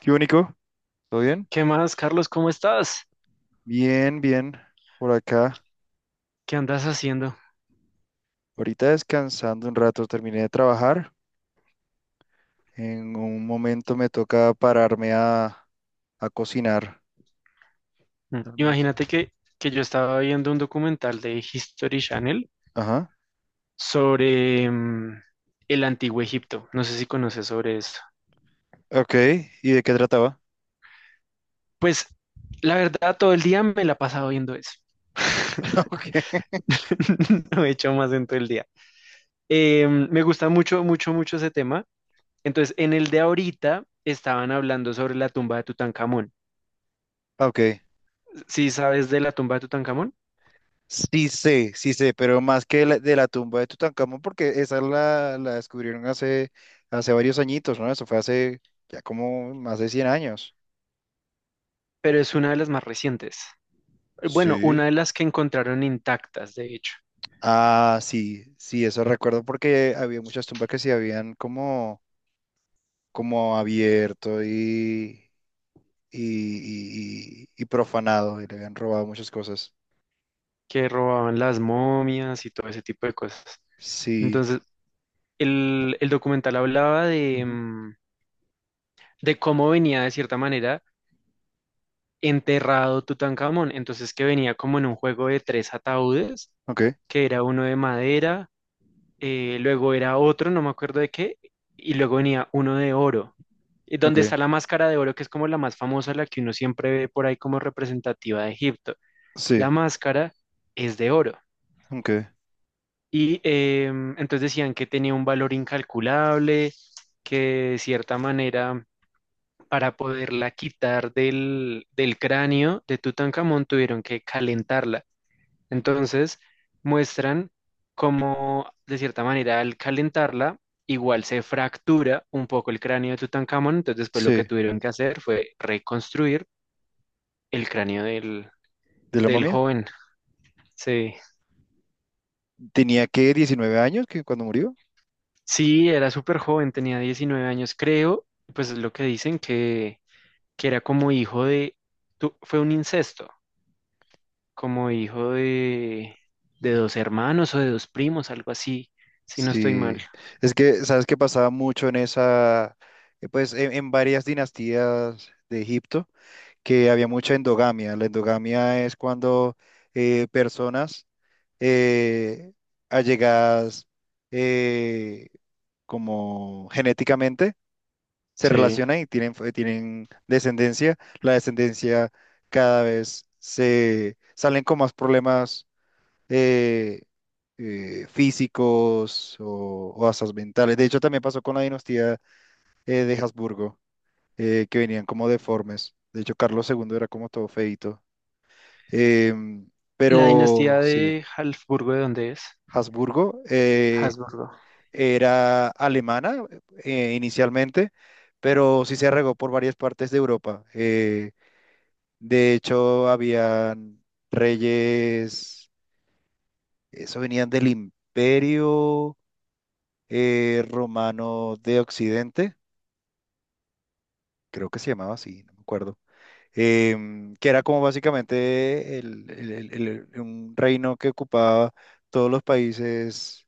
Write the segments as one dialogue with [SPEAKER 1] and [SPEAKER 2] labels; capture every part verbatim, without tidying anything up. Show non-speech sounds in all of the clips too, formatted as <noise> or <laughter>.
[SPEAKER 1] ¿Qué único? ¿Todo bien?
[SPEAKER 2] ¿Qué más, Carlos? ¿Cómo estás?
[SPEAKER 1] Bien, bien. Por acá.
[SPEAKER 2] ¿Qué andas haciendo?
[SPEAKER 1] Ahorita descansando un rato, terminé de trabajar. En un momento me toca pararme a, a cocinar.
[SPEAKER 2] Mm.
[SPEAKER 1] Almuerzo.
[SPEAKER 2] Imagínate que, que yo estaba viendo un documental de History Channel
[SPEAKER 1] Ajá.
[SPEAKER 2] sobre mm, el Antiguo Egipto. No sé si conoces sobre esto.
[SPEAKER 1] Ok. ¿Y de qué trataba?
[SPEAKER 2] Pues la verdad, todo el día me la he pasado viendo eso.
[SPEAKER 1] <laughs>
[SPEAKER 2] <laughs>
[SPEAKER 1] Ok.
[SPEAKER 2] No he hecho más en todo el día. Eh, me gusta mucho, mucho, mucho ese tema. Entonces, en el de ahorita estaban hablando sobre la tumba de Tutankamón.
[SPEAKER 1] Ok.
[SPEAKER 2] Sí sabes de la tumba de Tutankamón,
[SPEAKER 1] Sí sé, sí sé, pero más que la- de la tumba de Tutankamón, porque esa la, la descubrieron hace, hace varios añitos, ¿no? Eso fue hace ya como más de cien años.
[SPEAKER 2] pero es una de las más recientes. Bueno,
[SPEAKER 1] Sí.
[SPEAKER 2] una de las que encontraron intactas, de hecho,
[SPEAKER 1] Ah, sí, sí, eso recuerdo porque había muchas tumbas que se habían como, como abierto y, y, y, y- y profanado y le habían robado muchas cosas.
[SPEAKER 2] que robaban las momias y todo ese tipo de cosas.
[SPEAKER 1] Sí.
[SPEAKER 2] Entonces, el, el documental hablaba de,
[SPEAKER 1] Ujú.
[SPEAKER 2] mm, de cómo venía de cierta manera enterrado Tutankamón. Entonces, que venía como en un juego de tres ataúdes,
[SPEAKER 1] Ok,
[SPEAKER 2] que era uno de madera, eh, luego era otro, no me acuerdo de qué, y luego venía uno de oro. Y
[SPEAKER 1] ok,
[SPEAKER 2] donde está la máscara de oro, que es como la más famosa, la que uno siempre ve por ahí como representativa de Egipto.
[SPEAKER 1] sí,
[SPEAKER 2] La máscara es de oro.
[SPEAKER 1] ok,
[SPEAKER 2] Y eh, entonces decían que tenía un valor incalculable, que de cierta manera para poderla quitar del, del cráneo de Tutankamón tuvieron que calentarla. Entonces muestran cómo de cierta manera al calentarla igual se fractura un poco el cráneo de Tutankamón, entonces después lo que
[SPEAKER 1] sí.
[SPEAKER 2] tuvieron que hacer fue reconstruir el cráneo del,
[SPEAKER 1] ¿De la
[SPEAKER 2] del
[SPEAKER 1] momia?
[SPEAKER 2] joven. Sí.
[SPEAKER 1] ¿Tenía que diecinueve años que cuando murió?
[SPEAKER 2] Sí, era súper joven, tenía diecinueve años, creo, pues es lo que dicen que, que era como hijo de, tu- fue un incesto, como hijo de, de dos hermanos o de dos primos, algo así, si no estoy mal.
[SPEAKER 1] Sí, es que, ¿sabes qué pasaba mucho en esa, eh, pues en, en varias dinastías de Egipto? Que había mucha endogamia. La endogamia es cuando eh, personas eh, allegadas, eh, como genéticamente, se
[SPEAKER 2] Sí.
[SPEAKER 1] relacionan y tienen, f- tienen descendencia. La descendencia cada vez se salen con más problemas eh, eh, físicos o, o hasta mentales. De hecho, también pasó con la dinastía eh, de Habsburgo, eh, que venían como deformes. De hecho, Carlos segundo era como todo feito. Eh,
[SPEAKER 2] La
[SPEAKER 1] pero
[SPEAKER 2] dinastía
[SPEAKER 1] sí,
[SPEAKER 2] de Habsburgo, ¿de dónde es?
[SPEAKER 1] Habsburgo eh,
[SPEAKER 2] Habsburgo.
[SPEAKER 1] era alemana eh, inicialmente, pero sí se regó por varias partes de Europa. Eh, de hecho, habían reyes, eso venían del Imperio eh, Romano de Occidente, creo que se llamaba así, no me acuerdo. Em, que era como básicamente el- el- el- el- un reino que ocupaba todos los países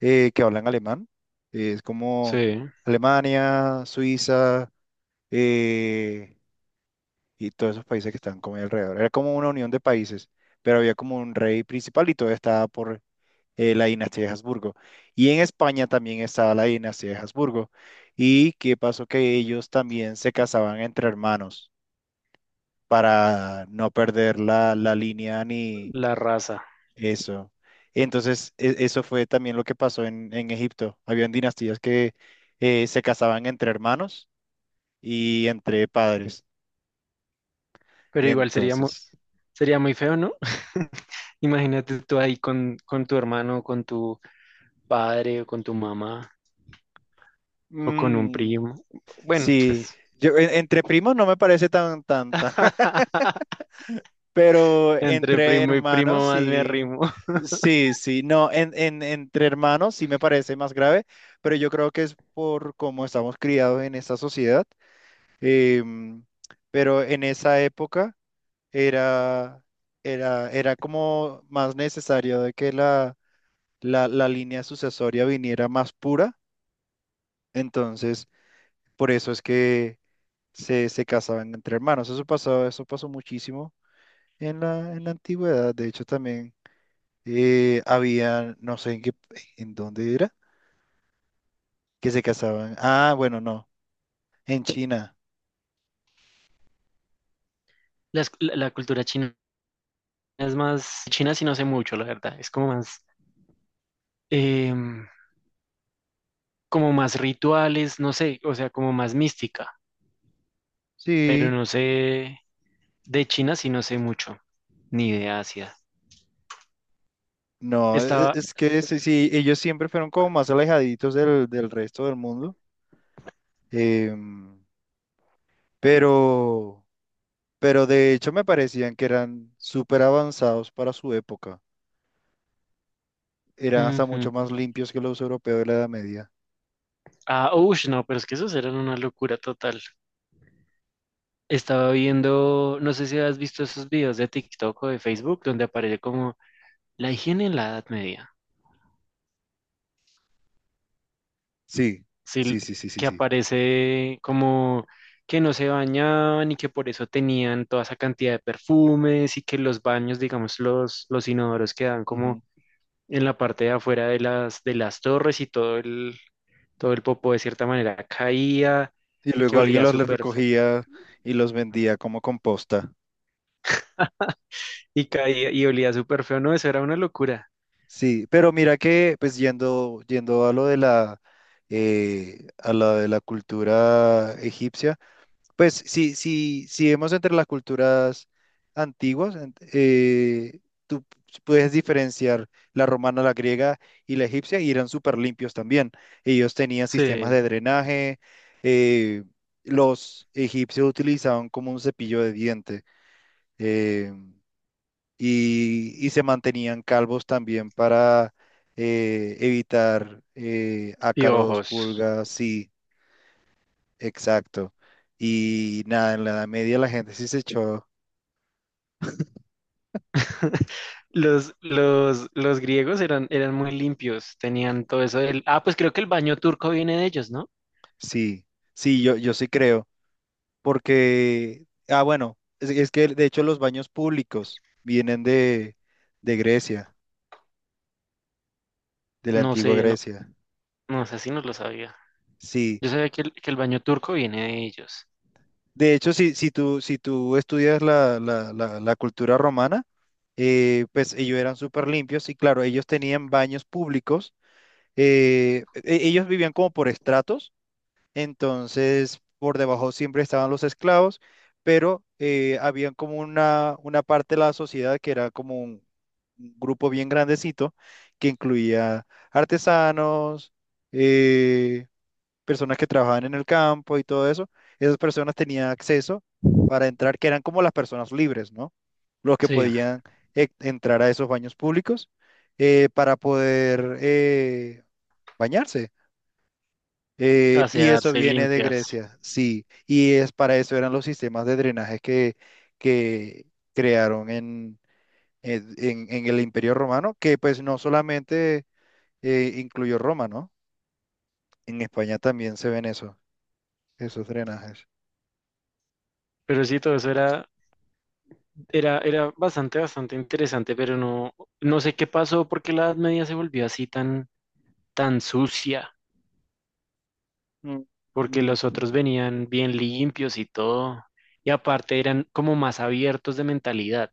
[SPEAKER 1] eh, que hablan alemán. Eh, es
[SPEAKER 2] Sí,
[SPEAKER 1] como Alemania, Suiza, eh, y todos esos países que están como ahí alrededor. Era como una unión de países, pero había como un rey principal y todo estaba por eh, la dinastía de Habsburgo. Y en España también estaba la dinastía de Habsburgo. ¿Y qué pasó? Que ellos también se casaban entre hermanos para no perder la, la línea ni...
[SPEAKER 2] la raza.
[SPEAKER 1] Eso. Entonces, e- eso fue también lo que pasó en, en Egipto. Habían dinastías que eh, se casaban entre hermanos y entre padres.
[SPEAKER 2] Pero igual sería muy,
[SPEAKER 1] Entonces,
[SPEAKER 2] sería muy feo, ¿no? <laughs> Imagínate tú ahí con, con tu hermano, con tu padre o con tu mamá o con un
[SPEAKER 1] mm,
[SPEAKER 2] primo. Bueno, pues.
[SPEAKER 1] sí, yo en- entre primos no me parece tan, tan, tan, <laughs>
[SPEAKER 2] <laughs>
[SPEAKER 1] pero
[SPEAKER 2] Entre
[SPEAKER 1] entre
[SPEAKER 2] primo y
[SPEAKER 1] hermanos
[SPEAKER 2] primo más me
[SPEAKER 1] sí,
[SPEAKER 2] arrimo.
[SPEAKER 1] sí, sí, no, en, en, entre hermanos sí me parece más grave, pero yo creo que es por cómo estamos criados en esta sociedad. Em, pero en esa época, era, era, era como más necesario de que la, la, la línea sucesoria viniera más pura. Entonces, por eso es que se, se casaban entre hermanos. Eso pasó, eso pasó muchísimo en la, en la antigüedad. De hecho, también eh, había, no sé en qué, en dónde era, que se casaban. Ah, bueno, no, en China.
[SPEAKER 2] Las- La, la cultura china es más, China sí no sé mucho, la verdad, es como más, em, como más rituales, no sé, o sea, como más mística, pero
[SPEAKER 1] Sí.
[SPEAKER 2] no sé, de China sí no sé mucho, ni de Asia.
[SPEAKER 1] No, e- e-
[SPEAKER 2] Estaba,
[SPEAKER 1] es que sí, sí, ellos siempre fueron como más alejaditos del, del resto del mundo. Em, pero, pero de hecho me parecían que eran súper avanzados para su época. Eran hasta
[SPEAKER 2] ujú.
[SPEAKER 1] mucho más limpios que los europeos de la Edad Media.
[SPEAKER 2] Ah, ush, no, pero es que esos eran una locura total. Estaba viendo, no sé si has visto esos videos de TikTok o de Facebook, donde aparece como la higiene en la Edad Media.
[SPEAKER 1] Sí, sí,
[SPEAKER 2] Sí,
[SPEAKER 1] sí, sí, sí,
[SPEAKER 2] que
[SPEAKER 1] sí.
[SPEAKER 2] aparece como que no se bañaban y que por eso tenían toda esa cantidad de perfumes y que los baños, digamos, los, los inodoros quedan
[SPEAKER 1] Ujú.
[SPEAKER 2] como en la parte de afuera de las, de las torres y todo el, todo el popó de cierta manera caía,
[SPEAKER 1] Y
[SPEAKER 2] que
[SPEAKER 1] luego alguien
[SPEAKER 2] olía
[SPEAKER 1] los le
[SPEAKER 2] súper feo
[SPEAKER 1] recogía y los vendía como composta.
[SPEAKER 2] y caía y olía súper feo, no, eso era una locura.
[SPEAKER 1] Sí, pero mira que, pues yendo, yendo a lo de la, eh, a la de la cultura egipcia. Pues si, si, si vemos entre las culturas antiguas, ent- eh, tú puedes diferenciar la romana, la griega y la egipcia, y eran súper limpios también. Ellos tenían sistemas
[SPEAKER 2] Sí,
[SPEAKER 1] de drenaje, eh, los egipcios utilizaban como un cepillo de diente, eh, y, y se mantenían calvos también para eh, evitar eh,
[SPEAKER 2] y
[SPEAKER 1] ácaros,
[SPEAKER 2] ojos.
[SPEAKER 1] pulgas, sí. Exacto. Y nada, en la Edad Media la gente sí se echó,
[SPEAKER 2] <laughs> Los, los, los griegos eran, eran muy limpios, tenían todo eso del... Ah, pues creo que el baño turco viene de ellos, ¿no?
[SPEAKER 1] sí, sí, yo, yo sí creo, porque, ah, bueno, es, es que de hecho los baños públicos vienen de, de Grecia, de la
[SPEAKER 2] No
[SPEAKER 1] antigua
[SPEAKER 2] sé, no,
[SPEAKER 1] Grecia,
[SPEAKER 2] no sé si no lo sabía.
[SPEAKER 1] sí.
[SPEAKER 2] Yo sabía que el, que el baño turco viene de ellos.
[SPEAKER 1] De hecho, si, si tú, si tú estudias la, la, la, la cultura romana. Eh, pues ellos eran súper limpios y claro, ellos tenían baños públicos. Eh, e- ellos vivían como por estratos. Entonces, por debajo siempre estaban los esclavos, pero eh, había como una, una parte de la sociedad que era como un, un grupo bien grandecito que incluía artesanos, eh, personas que trabajaban en el campo y todo eso. Esas personas tenían acceso para entrar, que eran como las personas libres, ¿no? Los que
[SPEAKER 2] Sí,
[SPEAKER 1] podían e- entrar a esos baños públicos eh, para poder eh, bañarse. Eh, y eso
[SPEAKER 2] asearse y
[SPEAKER 1] viene de
[SPEAKER 2] limpiarse.
[SPEAKER 1] Grecia, sí. Y es para eso eran los sistemas de drenaje que, que crearon en, en, en- en el Imperio Romano, que pues no solamente eh, incluyó Roma, ¿no? En España también se ven eso, esos drenajes.
[SPEAKER 2] Pero sí, todo eso era, era, era bastante, bastante interesante, pero no, no sé qué pasó porque la Edad Media se volvió así tan, tan sucia,
[SPEAKER 1] Mm,
[SPEAKER 2] porque los
[SPEAKER 1] mm.
[SPEAKER 2] otros venían bien limpios y todo, y aparte eran como más abiertos de mentalidad.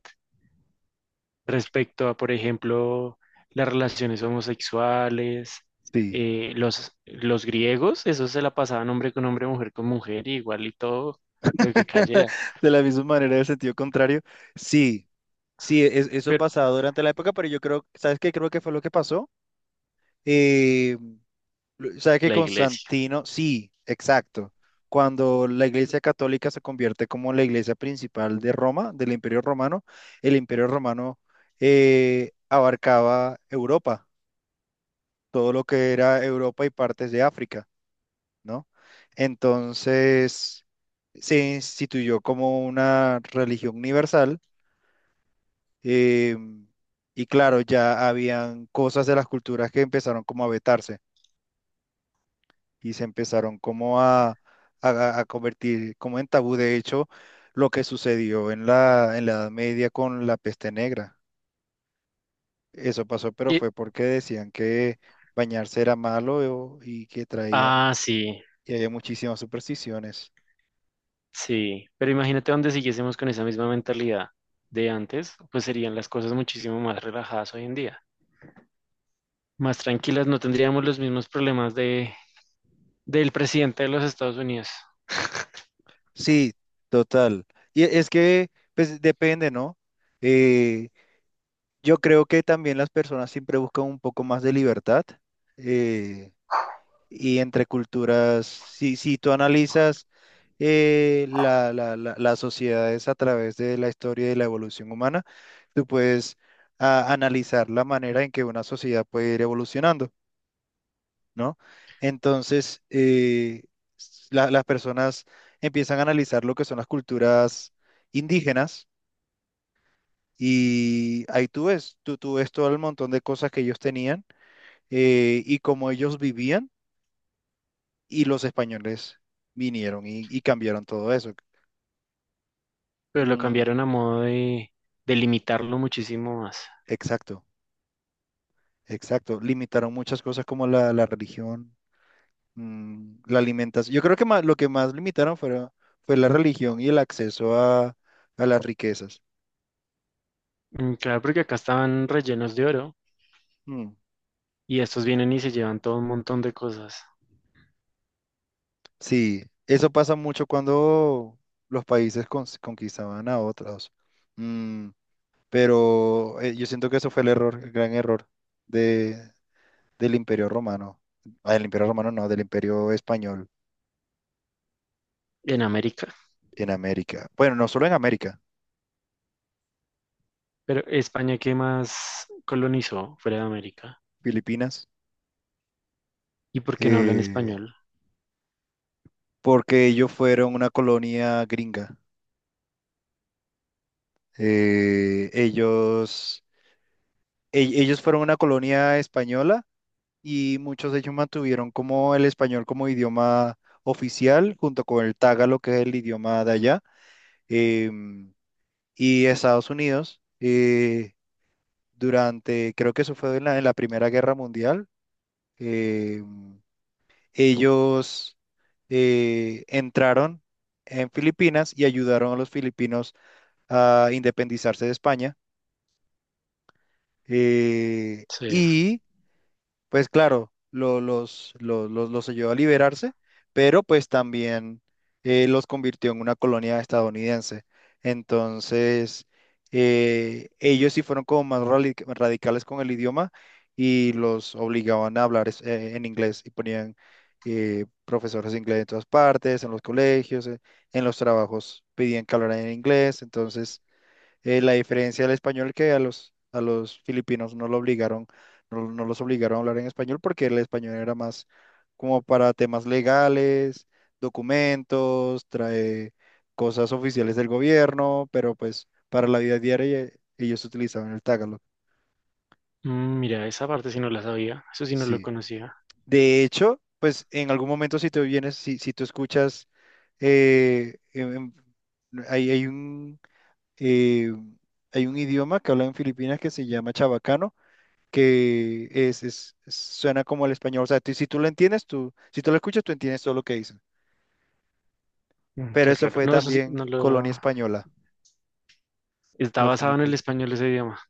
[SPEAKER 2] Respecto a, por ejemplo, las relaciones homosexuales,
[SPEAKER 1] Sí.
[SPEAKER 2] eh, los, los griegos, eso se la pasaban hombre con hombre, mujer con mujer, y igual y todo lo que
[SPEAKER 1] <laughs>
[SPEAKER 2] cayera,
[SPEAKER 1] De la misma manera, en el sentido contrario. Sí, sí, es- eso
[SPEAKER 2] pero
[SPEAKER 1] pasaba durante la época, pero yo creo, ¿sabes qué? Creo que fue lo que pasó. eh, O sea que
[SPEAKER 2] la iglesia.
[SPEAKER 1] Constantino, sí, exacto. Cuando la Iglesia Católica se convierte como la Iglesia principal de Roma, del Imperio Romano, el Imperio Romano eh, abarcaba Europa, todo lo que era Europa y partes de África, ¿no? Entonces se instituyó como una religión universal, eh, y claro, ya habían cosas de las culturas que empezaron como a vetarse, y se empezaron como a, a- a convertir como en tabú. De hecho, lo que sucedió en la, en la Edad Media con la peste negra. Eso pasó, pero
[SPEAKER 2] Y-
[SPEAKER 1] fue porque decían que bañarse era malo o- y que traía,
[SPEAKER 2] ah, sí,
[SPEAKER 1] y había muchísimas supersticiones.
[SPEAKER 2] sí, pero imagínate donde siguiésemos con esa misma mentalidad de antes, pues serían las cosas muchísimo más relajadas hoy en día, más tranquilas, no tendríamos los mismos problemas de, del presidente de los Estados Unidos,
[SPEAKER 1] Sí, total. Y e- es que, pues depende, ¿no? Eh, yo creo que también las personas siempre buscan un poco más de libertad. Eh, y entre culturas, si, si tú analizas eh, la, la- la- las sociedades a través de la historia y la evolución humana, tú puedes ah, analizar la manera en que una sociedad puede ir evolucionando, ¿no? Entonces, eh, s- la- las personas empiezan a analizar lo que son las culturas indígenas, y ahí tú ves, tú, tú ves todo el montón de cosas que ellos tenían, eh, y cómo ellos vivían, y los españoles vinieron y, y cambiaron todo eso.
[SPEAKER 2] pero lo
[SPEAKER 1] Mm,
[SPEAKER 2] cambiaron a modo de, de limitarlo muchísimo más.
[SPEAKER 1] exacto, exacto. Limitaron muchas cosas como la, la religión, mm, la alimentación. Yo creo que más, lo que más limitaron fue, fue la religión y el acceso a, a las riquezas.
[SPEAKER 2] Mm, claro, porque acá estaban rellenos de oro
[SPEAKER 1] Mm,
[SPEAKER 2] y estos vienen y se llevan todo un montón de cosas
[SPEAKER 1] sí, eso pasa mucho cuando los países cons- conquistaban a otros. Mm, pero eh, yo siento que eso fue el error, el gran error de, del Imperio Romano. Ah, del Imperio Romano no, del Imperio Español
[SPEAKER 2] en América.
[SPEAKER 1] en América. Bueno, no solo en América,
[SPEAKER 2] Pero España, ¿qué más colonizó fuera de América?
[SPEAKER 1] Filipinas.
[SPEAKER 2] ¿Y por qué no hablan
[SPEAKER 1] eh,
[SPEAKER 2] español?
[SPEAKER 1] Porque ellos fueron una colonia gringa. Eh, ellos, e- Ellos fueron una colonia española, y muchos de ellos mantuvieron como el español como idioma oficial, junto con el tagalo, que es el idioma de allá. Em, y Estados Unidos, eh, durante, creo que eso fue en la, en la Primera Guerra Mundial. em, Ellos eh, entraron en Filipinas y ayudaron a los filipinos a independizarse de España. Eh,
[SPEAKER 2] Sí.
[SPEAKER 1] y pues claro, lo- los, lo- los, los ayudó a liberarse, pero pues también eh, los convirtió en una colonia estadounidense. Entonces, eh, ellos sí fueron como más rali- radicales con el idioma, y los obligaban a hablar es- eh, en inglés, y ponían eh, profesores de inglés en todas partes, en los colegios, eh, en los trabajos pedían que hablaran en inglés. Entonces, eh, la diferencia del español, que a los, a los filipinos no lo obligaron, no, no los obligaron a hablar en español, porque el español era más como para temas legales, documentos, trae cosas oficiales del gobierno, pero pues para la vida diaria, eh, ellos utilizaban el tagalog.
[SPEAKER 2] Mm, mira, esa parte sí no la sabía, eso sí no lo
[SPEAKER 1] Sí.
[SPEAKER 2] conocía.
[SPEAKER 1] De hecho, pues en algún momento si te vienes, si, si tú escuchas, eh, em- em, hay, hay un, eh, hay un idioma que hablan en Filipinas que se llama chabacano, que es, es- suena como el español. O sea, tú- si tú lo entiendes, tú, si tú lo escuchas, tú entiendes todo lo que dicen.
[SPEAKER 2] Mm,
[SPEAKER 1] Pero
[SPEAKER 2] qué
[SPEAKER 1] eso
[SPEAKER 2] raro.
[SPEAKER 1] fue
[SPEAKER 2] No, eso sí
[SPEAKER 1] también
[SPEAKER 2] no
[SPEAKER 1] colonia
[SPEAKER 2] lo...
[SPEAKER 1] española,
[SPEAKER 2] Está
[SPEAKER 1] los
[SPEAKER 2] basado en el
[SPEAKER 1] filipinos.
[SPEAKER 2] español ese idioma.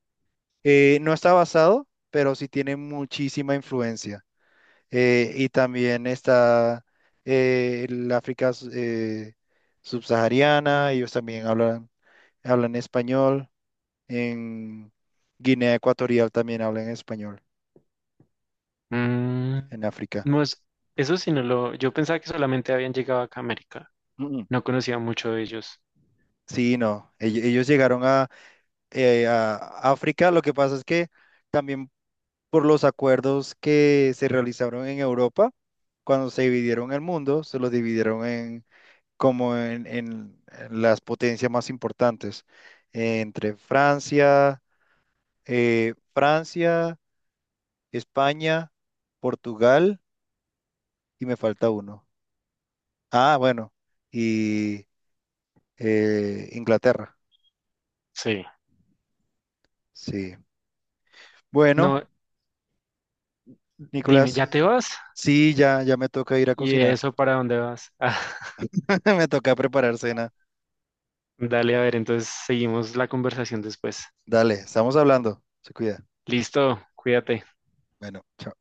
[SPEAKER 1] Eh, no está basado, pero sí tiene muchísima influencia. Eh, y también está, eh, el África eh, subsahariana, ellos también hablan, hablan español. En Guinea Ecuatorial también hablan español,
[SPEAKER 2] Mm,
[SPEAKER 1] en África.
[SPEAKER 2] no es- eso sí no lo... Yo pensaba que solamente habían llegado acá a América.
[SPEAKER 1] Mm, mm.
[SPEAKER 2] No conocía mucho de ellos.
[SPEAKER 1] Sí, no, ell- ellos llegaron eh, a África. Lo que pasa es que también por los acuerdos que se realizaron en Europa, cuando se dividieron el mundo, se los dividieron en como en, en- en las potencias más importantes, eh, entre Francia, eh, Francia, España, Portugal y me falta uno. Ah, bueno, y eh, Inglaterra.
[SPEAKER 2] Sí.
[SPEAKER 1] Sí. Bueno,
[SPEAKER 2] No, dime,
[SPEAKER 1] Nicolás,
[SPEAKER 2] ¿ya te vas?
[SPEAKER 1] sí, ya, ya me toca ir a
[SPEAKER 2] ¿Y
[SPEAKER 1] cocinar.
[SPEAKER 2] eso para dónde vas? <laughs> Ah,
[SPEAKER 1] <laughs> Me toca preparar cena.
[SPEAKER 2] dale, a ver, entonces seguimos la conversación después.
[SPEAKER 1] Dale, estamos hablando. Se cuida.
[SPEAKER 2] Listo, cuídate.
[SPEAKER 1] Bueno, chao.